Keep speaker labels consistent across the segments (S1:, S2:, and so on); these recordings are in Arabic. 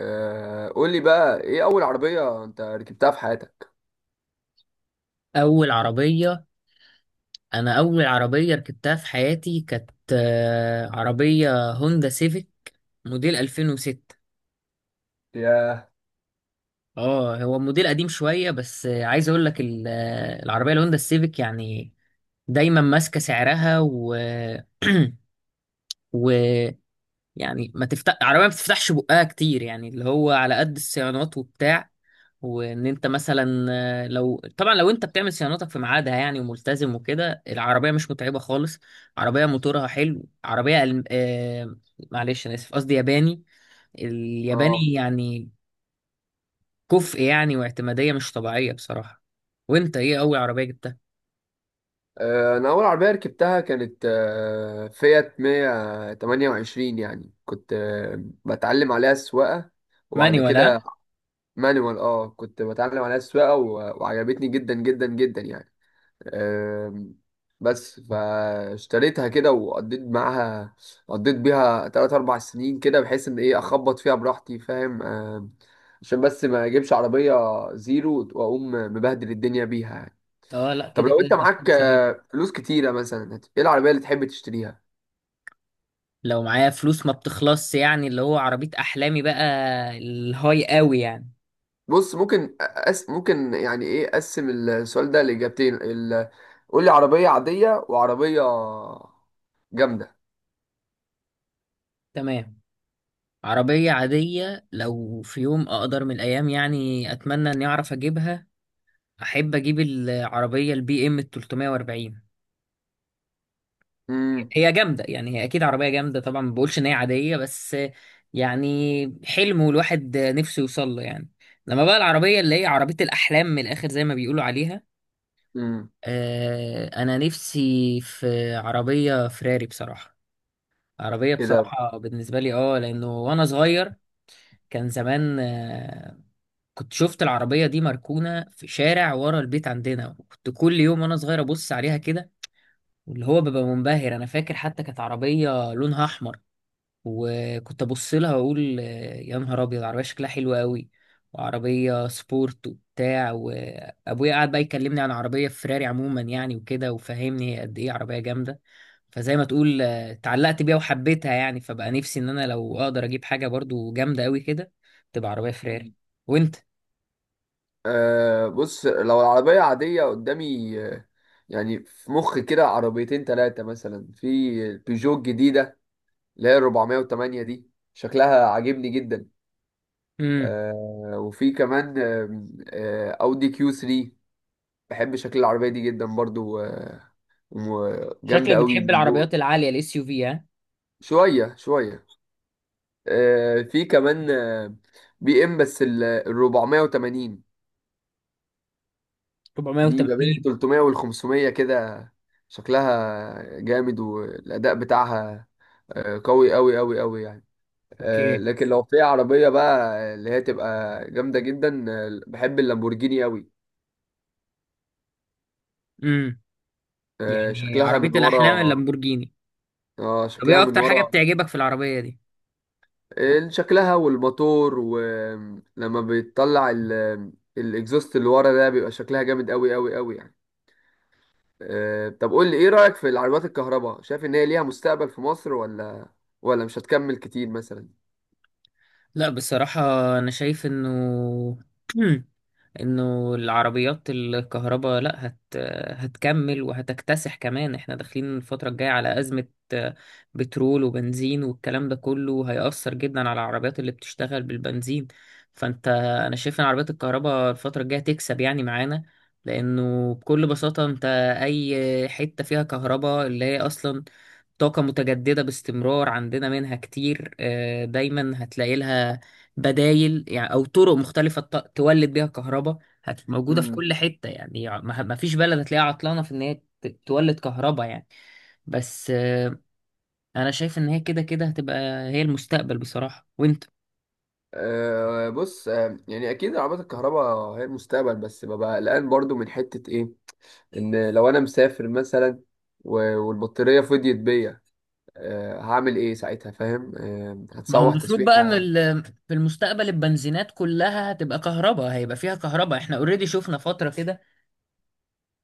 S1: قول لي بقى، ايه اول عربية انت ركبتها في حياتك؟
S2: اول عربيه انا اول عربيه ركبتها في حياتي كانت عربيه هوندا سيفيك موديل 2006.
S1: ياه.
S2: اه هو موديل قديم شويه، بس عايز اقول لك العربيه الهوندا السيفيك، يعني دايما ماسكه سعرها، و و يعني ما تفتح عربيه، ما بتفتحش بقها كتير، يعني اللي هو على قد الصيانات وبتاع. وان انت مثلا لو انت بتعمل صيانتك في ميعادها، يعني وملتزم وكده، العربيه مش متعبه خالص. عربيه موتورها حلو، عربيه معلش، انا اسف، قصدي ياباني.
S1: اه.
S2: الياباني يعني كفء، يعني، واعتماديه مش طبيعيه بصراحه. وانت ايه اول عربيه جبتها؟
S1: انا اول عربية ركبتها كانت فيات 128، يعني كنت بتعلم عليها السواقة وبعد
S2: مانيوال،
S1: كده.
S2: ها؟
S1: مانوال. اه، كنت بتعلم عليها السواقة وعجبتني جدا جدا جدا يعني. آم، بس فاشتريتها كده وقضيت معاها. قضيت بيها تلات أربع سنين كده، بحيث إن إيه أخبط فيها براحتي، فاهم؟ عشان بس ما أجيبش عربية زيرو وأقوم مبهدل الدنيا بيها يعني.
S2: اه، لا،
S1: طب
S2: كده
S1: لو
S2: كده
S1: أنت
S2: تفكير
S1: معاك
S2: سليم.
S1: فلوس كتيرة مثلا، إيه العربية اللي تحب تشتريها؟
S2: لو معايا فلوس ما بتخلصش، يعني اللي هو عربيه احلامي بقى، الهاي قوي يعني.
S1: بص، ممكن، يعني إيه، أقسم السؤال ده لإجابتين. قول لي عربية عادية وعربية جامدة.
S2: تمام. عربية عادية، لو في يوم أقدر من الأيام، يعني أتمنى إني أعرف أجيبها، أحب أجيب العربية البي إم 340.
S1: امم.
S2: هي جامدة يعني، هي أكيد عربية جامدة طبعا، ما بقولش إن هي عادية، بس يعني حلم، والواحد نفسه يوصل له يعني. لما بقى العربية اللي هي عربية الأحلام من الآخر، زي ما بيقولوا عليها،
S1: امم.
S2: أنا نفسي في عربية فراري بصراحة. عربية
S1: كده.
S2: بصراحة بالنسبة لي، لأنه وأنا صغير كان زمان كنت شفت العربية دي مركونة في شارع ورا البيت عندنا، وكنت كل يوم وأنا صغير أبص عليها كده، واللي هو ببقى منبهر. أنا فاكر حتى كانت عربية لونها أحمر، وكنت أبص لها وأقول يا نهار أبيض، عربية شكلها حلو قوي وعربية سبورت وبتاع. وأبويا قعد بقى يكلمني عن عربية فراري عموما يعني، وكده، وفهمني هي قد إيه عربية جامدة. فزي ما تقول اتعلقت بيها وحبيتها يعني، فبقى نفسي إن أنا لو أقدر أجيب حاجة برضو جامدة قوي كده، تبقى عربية فراري. وأنت؟
S1: أه، بص. لو العربية عادية قدامي، يعني في مخ كده عربيتين تلاتة مثلا. في البيجو الجديدة اللي هي 408، دي شكلها عاجبني جدا. أه، وفي كمان أودي كيو 3. بحب شكل العربية دي جدا برضو، وجامدة
S2: شكلك
S1: قوي
S2: بتحب
S1: من جوه.
S2: العربيات العالية، الـ SUV، ها؟
S1: شوية شوية. أه، في كمان بي ام، بس ال 480. دي ما بين ال
S2: 480.
S1: 300 وال 500 كده. شكلها جامد والأداء بتاعها قوي قوي قوي قوي يعني.
S2: اوكي.
S1: لكن لو في عربية بقى اللي هي تبقى جامدة جدا، بحب اللامبورجيني قوي.
S2: امم. يعني
S1: شكلها
S2: عربية
S1: من
S2: الأحلام
S1: ورا.
S2: اللامبورجيني.
S1: اه،
S2: طب
S1: شكلها
S2: ايه
S1: من
S2: أكتر حاجة
S1: ورا.
S2: بتعجبك في العربية دي؟
S1: شكلها والموتور، ولما بيطلع الاكزوست اللي ورا ده، بيبقى شكلها جامد قوي قوي قوي. طب قول لي، ايه رأيك في العربيات الكهرباء؟ شايف ان هي ليها مستقبل في مصر، ولا مش هتكمل كتير مثلا؟
S2: لا بصراحة، أنا شايف إنه انه العربيات الكهرباء، لا هتكمل وهتكتسح كمان. احنا داخلين الفترة الجاية على أزمة آه، بترول وبنزين، والكلام ده كله هيأثر جدا على العربيات اللي بتشتغل بالبنزين. فانت انا شايف ان عربيات الكهرباء الفترة الجاية تكسب يعني معانا، لانه بكل بساطة انت، اي حتة فيها كهرباء اللي هي اصلا طاقة متجددة باستمرار، عندنا منها كتير، دايما هتلاقي لها بدايل، يعني أو طرق مختلفة تولد بيها كهرباء. موجودة في
S1: امم.
S2: كل حتة يعني، ما فيش بلد هتلاقيها عطلانة في إن هي تولد كهرباء يعني. بس أنا شايف إن هي كده كده هتبقى هي المستقبل بصراحة. وأنت؟
S1: أه، بص. يعني اكيد العربيات الكهرباء هي المستقبل، بس ببقى قلقان برضو من حتة ايه. ان لو انا مسافر مثلا والبطارية فضيت بيا، أه هعمل ايه ساعتها؟ فاهم؟ أه،
S2: ما هو
S1: هتسوح
S2: المفروض بقى ان
S1: تسويحة.
S2: في المستقبل البنزينات كلها هتبقى كهرباء، هيبقى فيها كهرباء. احنا اوريدي شفنا فترة كده،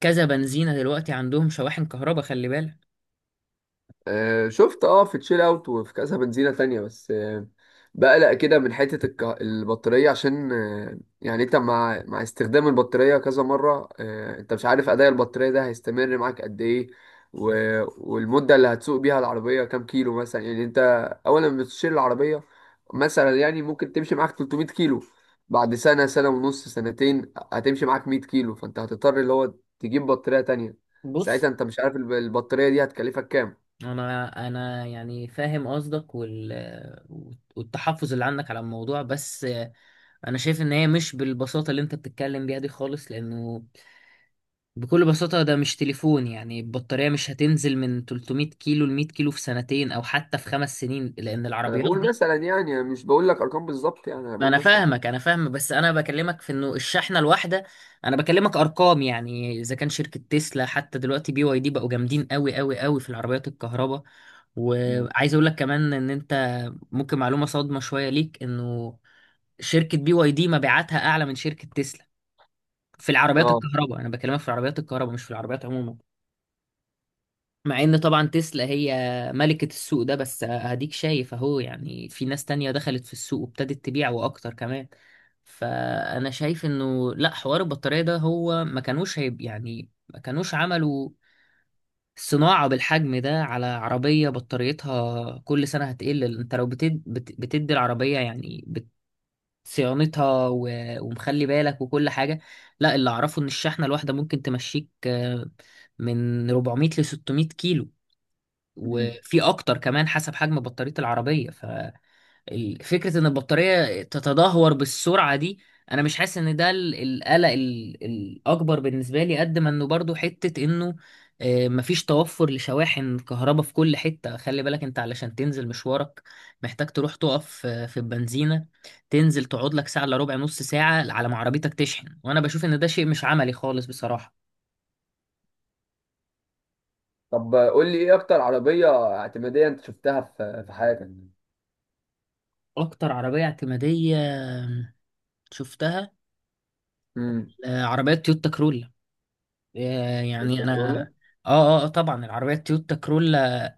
S2: كذا بنزينة دلوقتي عندهم شواحن كهرباء، خلي بالك.
S1: شفت، اه، في تشيل اوت وفي كذا بنزينة تانية. بس بقلق كده من حتة البطارية. عشان يعني انت مع استخدام البطارية كذا مرة، انت مش عارف اداء البطارية ده هيستمر معاك قد ايه. و... والمدة اللي هتسوق بيها العربية كام كيلو مثلا، يعني انت اول ما بتشيل العربية مثلا، يعني ممكن تمشي معاك 300 كيلو. بعد سنة، سنة ونص، سنتين، هتمشي معاك 100 كيلو، فانت هتضطر اللي هو تجيب بطارية تانية.
S2: بص،
S1: ساعتها انت مش عارف البطارية دي هتكلفك كام.
S2: انا يعني فاهم قصدك والتحفظ اللي عندك على الموضوع، بس انا شايف ان هي مش بالبساطه اللي انت بتتكلم بيها دي خالص، لانه بكل بساطه ده مش تليفون يعني. البطاريه مش هتنزل من 300 كيلو ل 100 كيلو في 2 سنين، او حتى في 5 سنين، لان
S1: انا
S2: العربيات،
S1: بقول مثلا، يعني مش بقول لك ارقام بالظبط، يعني انا
S2: ما
S1: بقول
S2: انا
S1: مثلا.
S2: فاهمك، انا فاهم، بس انا بكلمك في انه الشحنه الواحده، انا بكلمك ارقام يعني. اذا كان شركه تسلا حتى دلوقتي، BYD بقوا جامدين قوي قوي قوي في العربيات الكهرباء.
S1: مم.
S2: وعايز اقول لك كمان ان انت، ممكن معلومه صادمه شويه ليك، انه شركه بي واي دي مبيعاتها اعلى من شركه تسلا في العربيات
S1: اه.
S2: الكهرباء. انا بكلمك في العربيات الكهرباء، مش في العربيات عموما. مع ان طبعا تسلا هي ملكة السوق ده، بس هديك شايف اهو، يعني في ناس تانية دخلت في السوق وابتدت تبيع، واكتر كمان. فانا شايف انه لا، حوار البطارية ده هو ما كانوش عملوا صناعة بالحجم ده على عربية بطاريتها كل سنة هتقل. انت لو بتدي العربية، يعني صيانتها و... ومخلي بالك وكل حاجة. لا، اللي اعرفه ان الشحنة الواحدة ممكن تمشيك من 400 ل 600 كيلو،
S1: مم.
S2: وفي اكتر كمان حسب حجم بطارية العربية. ففكرة ان البطارية تتدهور بالسرعة دي، انا مش حاسس ان ده القلق الاكبر بالنسبة لي، قد ما انه برضو حتة انه مفيش توفر لشواحن كهرباء في كل حتة. خلي بالك، انت علشان تنزل مشوارك محتاج تروح تقف في البنزينة، تنزل تقعد لك ساعة الا ربع، نص ساعة، على ما عربيتك تشحن، وانا بشوف ان ده شيء مش عملي خالص بصراحة.
S1: طب قول لي ايه اكتر عربية اعتمادية انت شفتها في حياتك؟
S2: اكتر عربية اعتمادية شفتها
S1: امم.
S2: عربيات تويوتا كرولا، يعني انا،
S1: الكورولا.
S2: اه، طبعا العربيات تويوتا كرولا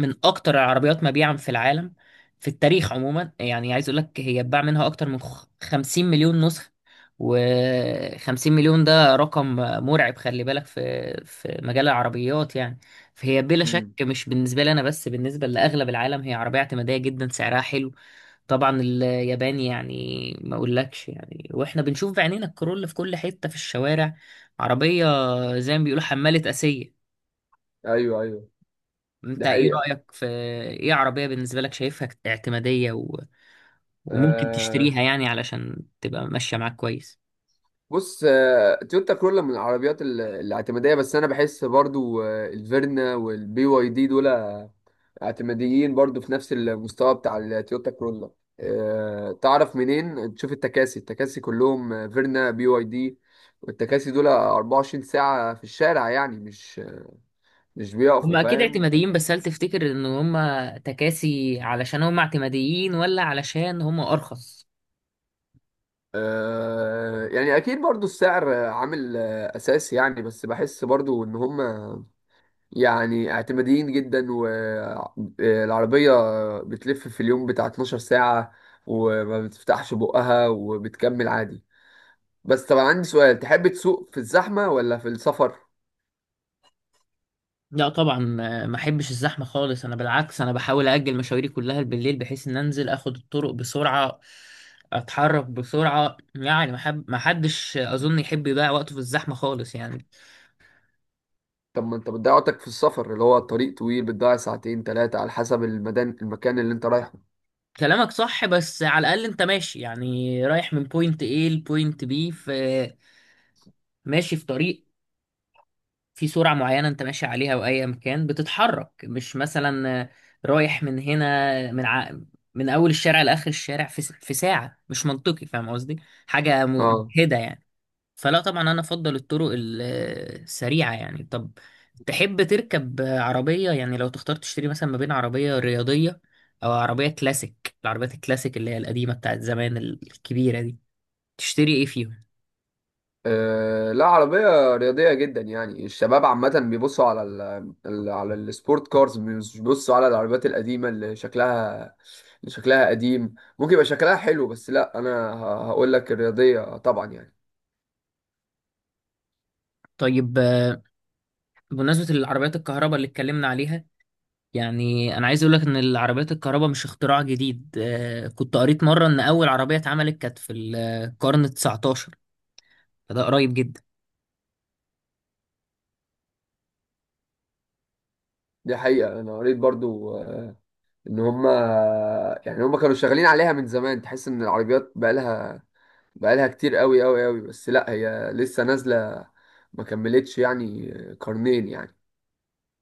S2: من اكتر العربيات مبيعا في العالم، في التاريخ عموما. يعني عايز اقول لك هي اتباع منها اكتر من 50 مليون نسخة، و50 مليون ده رقم مرعب، خلي بالك، في مجال العربيات يعني. فهي بلا شك،
S1: امم.
S2: مش بالنسبة لي انا بس، بالنسبة لاغلب العالم، هي عربية اعتمادية جدا، سعرها حلو، طبعا، اليابان يعني، ما اقولكش يعني. واحنا بنشوف بعينينا الكرول في كل حتة في الشوارع، عربية زي ما بيقولوا حمالة آسية.
S1: ايوه، ايوه.
S2: انت
S1: دي
S2: ايه
S1: حقيقة.
S2: رأيك في ايه عربية بالنسبة لك شايفها اعتمادية و... وممكن تشتريها يعني علشان تبقى ماشية معاك كويس؟
S1: بص، تويوتا كرولا من العربيات الاعتمادية، بس أنا بحس برضو الفيرنا والبي واي دي دول اعتماديين برضو في نفس المستوى بتاع التويوتا كرولا. تعرف منين؟ تشوف التكاسي. كلهم فيرنا، بي واي دي. والتكاسي دول 24 ساعة في الشارع، يعني مش
S2: هم
S1: بيقفوا،
S2: اكيد
S1: فاهم؟
S2: اعتماديين، بس هل تفتكر ان هم تكاسي علشان هم اعتماديين، ولا علشان هم ارخص؟
S1: يعني أكيد برضو السعر عامل أساسي يعني، بس بحس برضو إن هم يعني اعتماديين جدا، والعربية بتلف في اليوم بتاع 12 ساعة وما بتفتحش بقها وبتكمل عادي. بس طب أنا عندي سؤال، تحب تسوق في الزحمة ولا في السفر؟
S2: لا طبعا، ما احبش الزحمه خالص. انا بالعكس، انا بحاول اجل مشاويري كلها بالليل، بحيث ان انزل اخد الطرق بسرعه، اتحرك بسرعه يعني. ما حدش اظن يحب يضيع وقته في الزحمه خالص يعني.
S1: طب ما انت بتضيع وقتك في السفر، اللي هو الطريق طويل، بتضيع ساعتين تلاتة على حسب المكان اللي انت رايحه.
S2: كلامك صح، بس على الاقل انت ماشي، يعني رايح من بوينت A لبوينت B، ماشي في طريق، في سرعة معينة انت ماشي عليها، واي مكان بتتحرك، مش مثلا رايح من هنا، من اول الشارع لاخر الشارع في ساعة، مش منطقي، فاهم قصدي؟ حاجة
S1: اه،
S2: مجهدة يعني. فلا طبعا انا افضل الطرق السريعة يعني. طب، تحب تركب عربية، يعني لو تختار تشتري مثلا ما بين عربية رياضية او عربية كلاسيك، العربيات الكلاسيك اللي هي القديمة بتاعت زمان، الكبيرة دي، تشتري ايه فيهم؟
S1: لا، عربية رياضية جدا. يعني الشباب عامة بيبصوا على على السبورت كارز، مش بيبصوا على العربيات القديمة اللي شكلها، اللي شكلها قديم، ممكن يبقى شكلها حلو، بس لا، أنا هقول لك الرياضية طبعا يعني.
S2: طيب، بمناسبة العربيات الكهرباء اللي اتكلمنا عليها، يعني انا عايز اقول لك ان العربيات الكهرباء مش اختراع جديد. كنت قريت مره ان اول عربيه اتعملت كانت في القرن 19، فده قريب جدا.
S1: دي حقيقة. أنا قريت برضو إن هما يعني هما كانوا شغالين عليها من زمان. تحس إن العربيات بقالها كتير قوي قوي قوي، بس لا هي لسه نازلة، ما كملتش يعني قرنين يعني.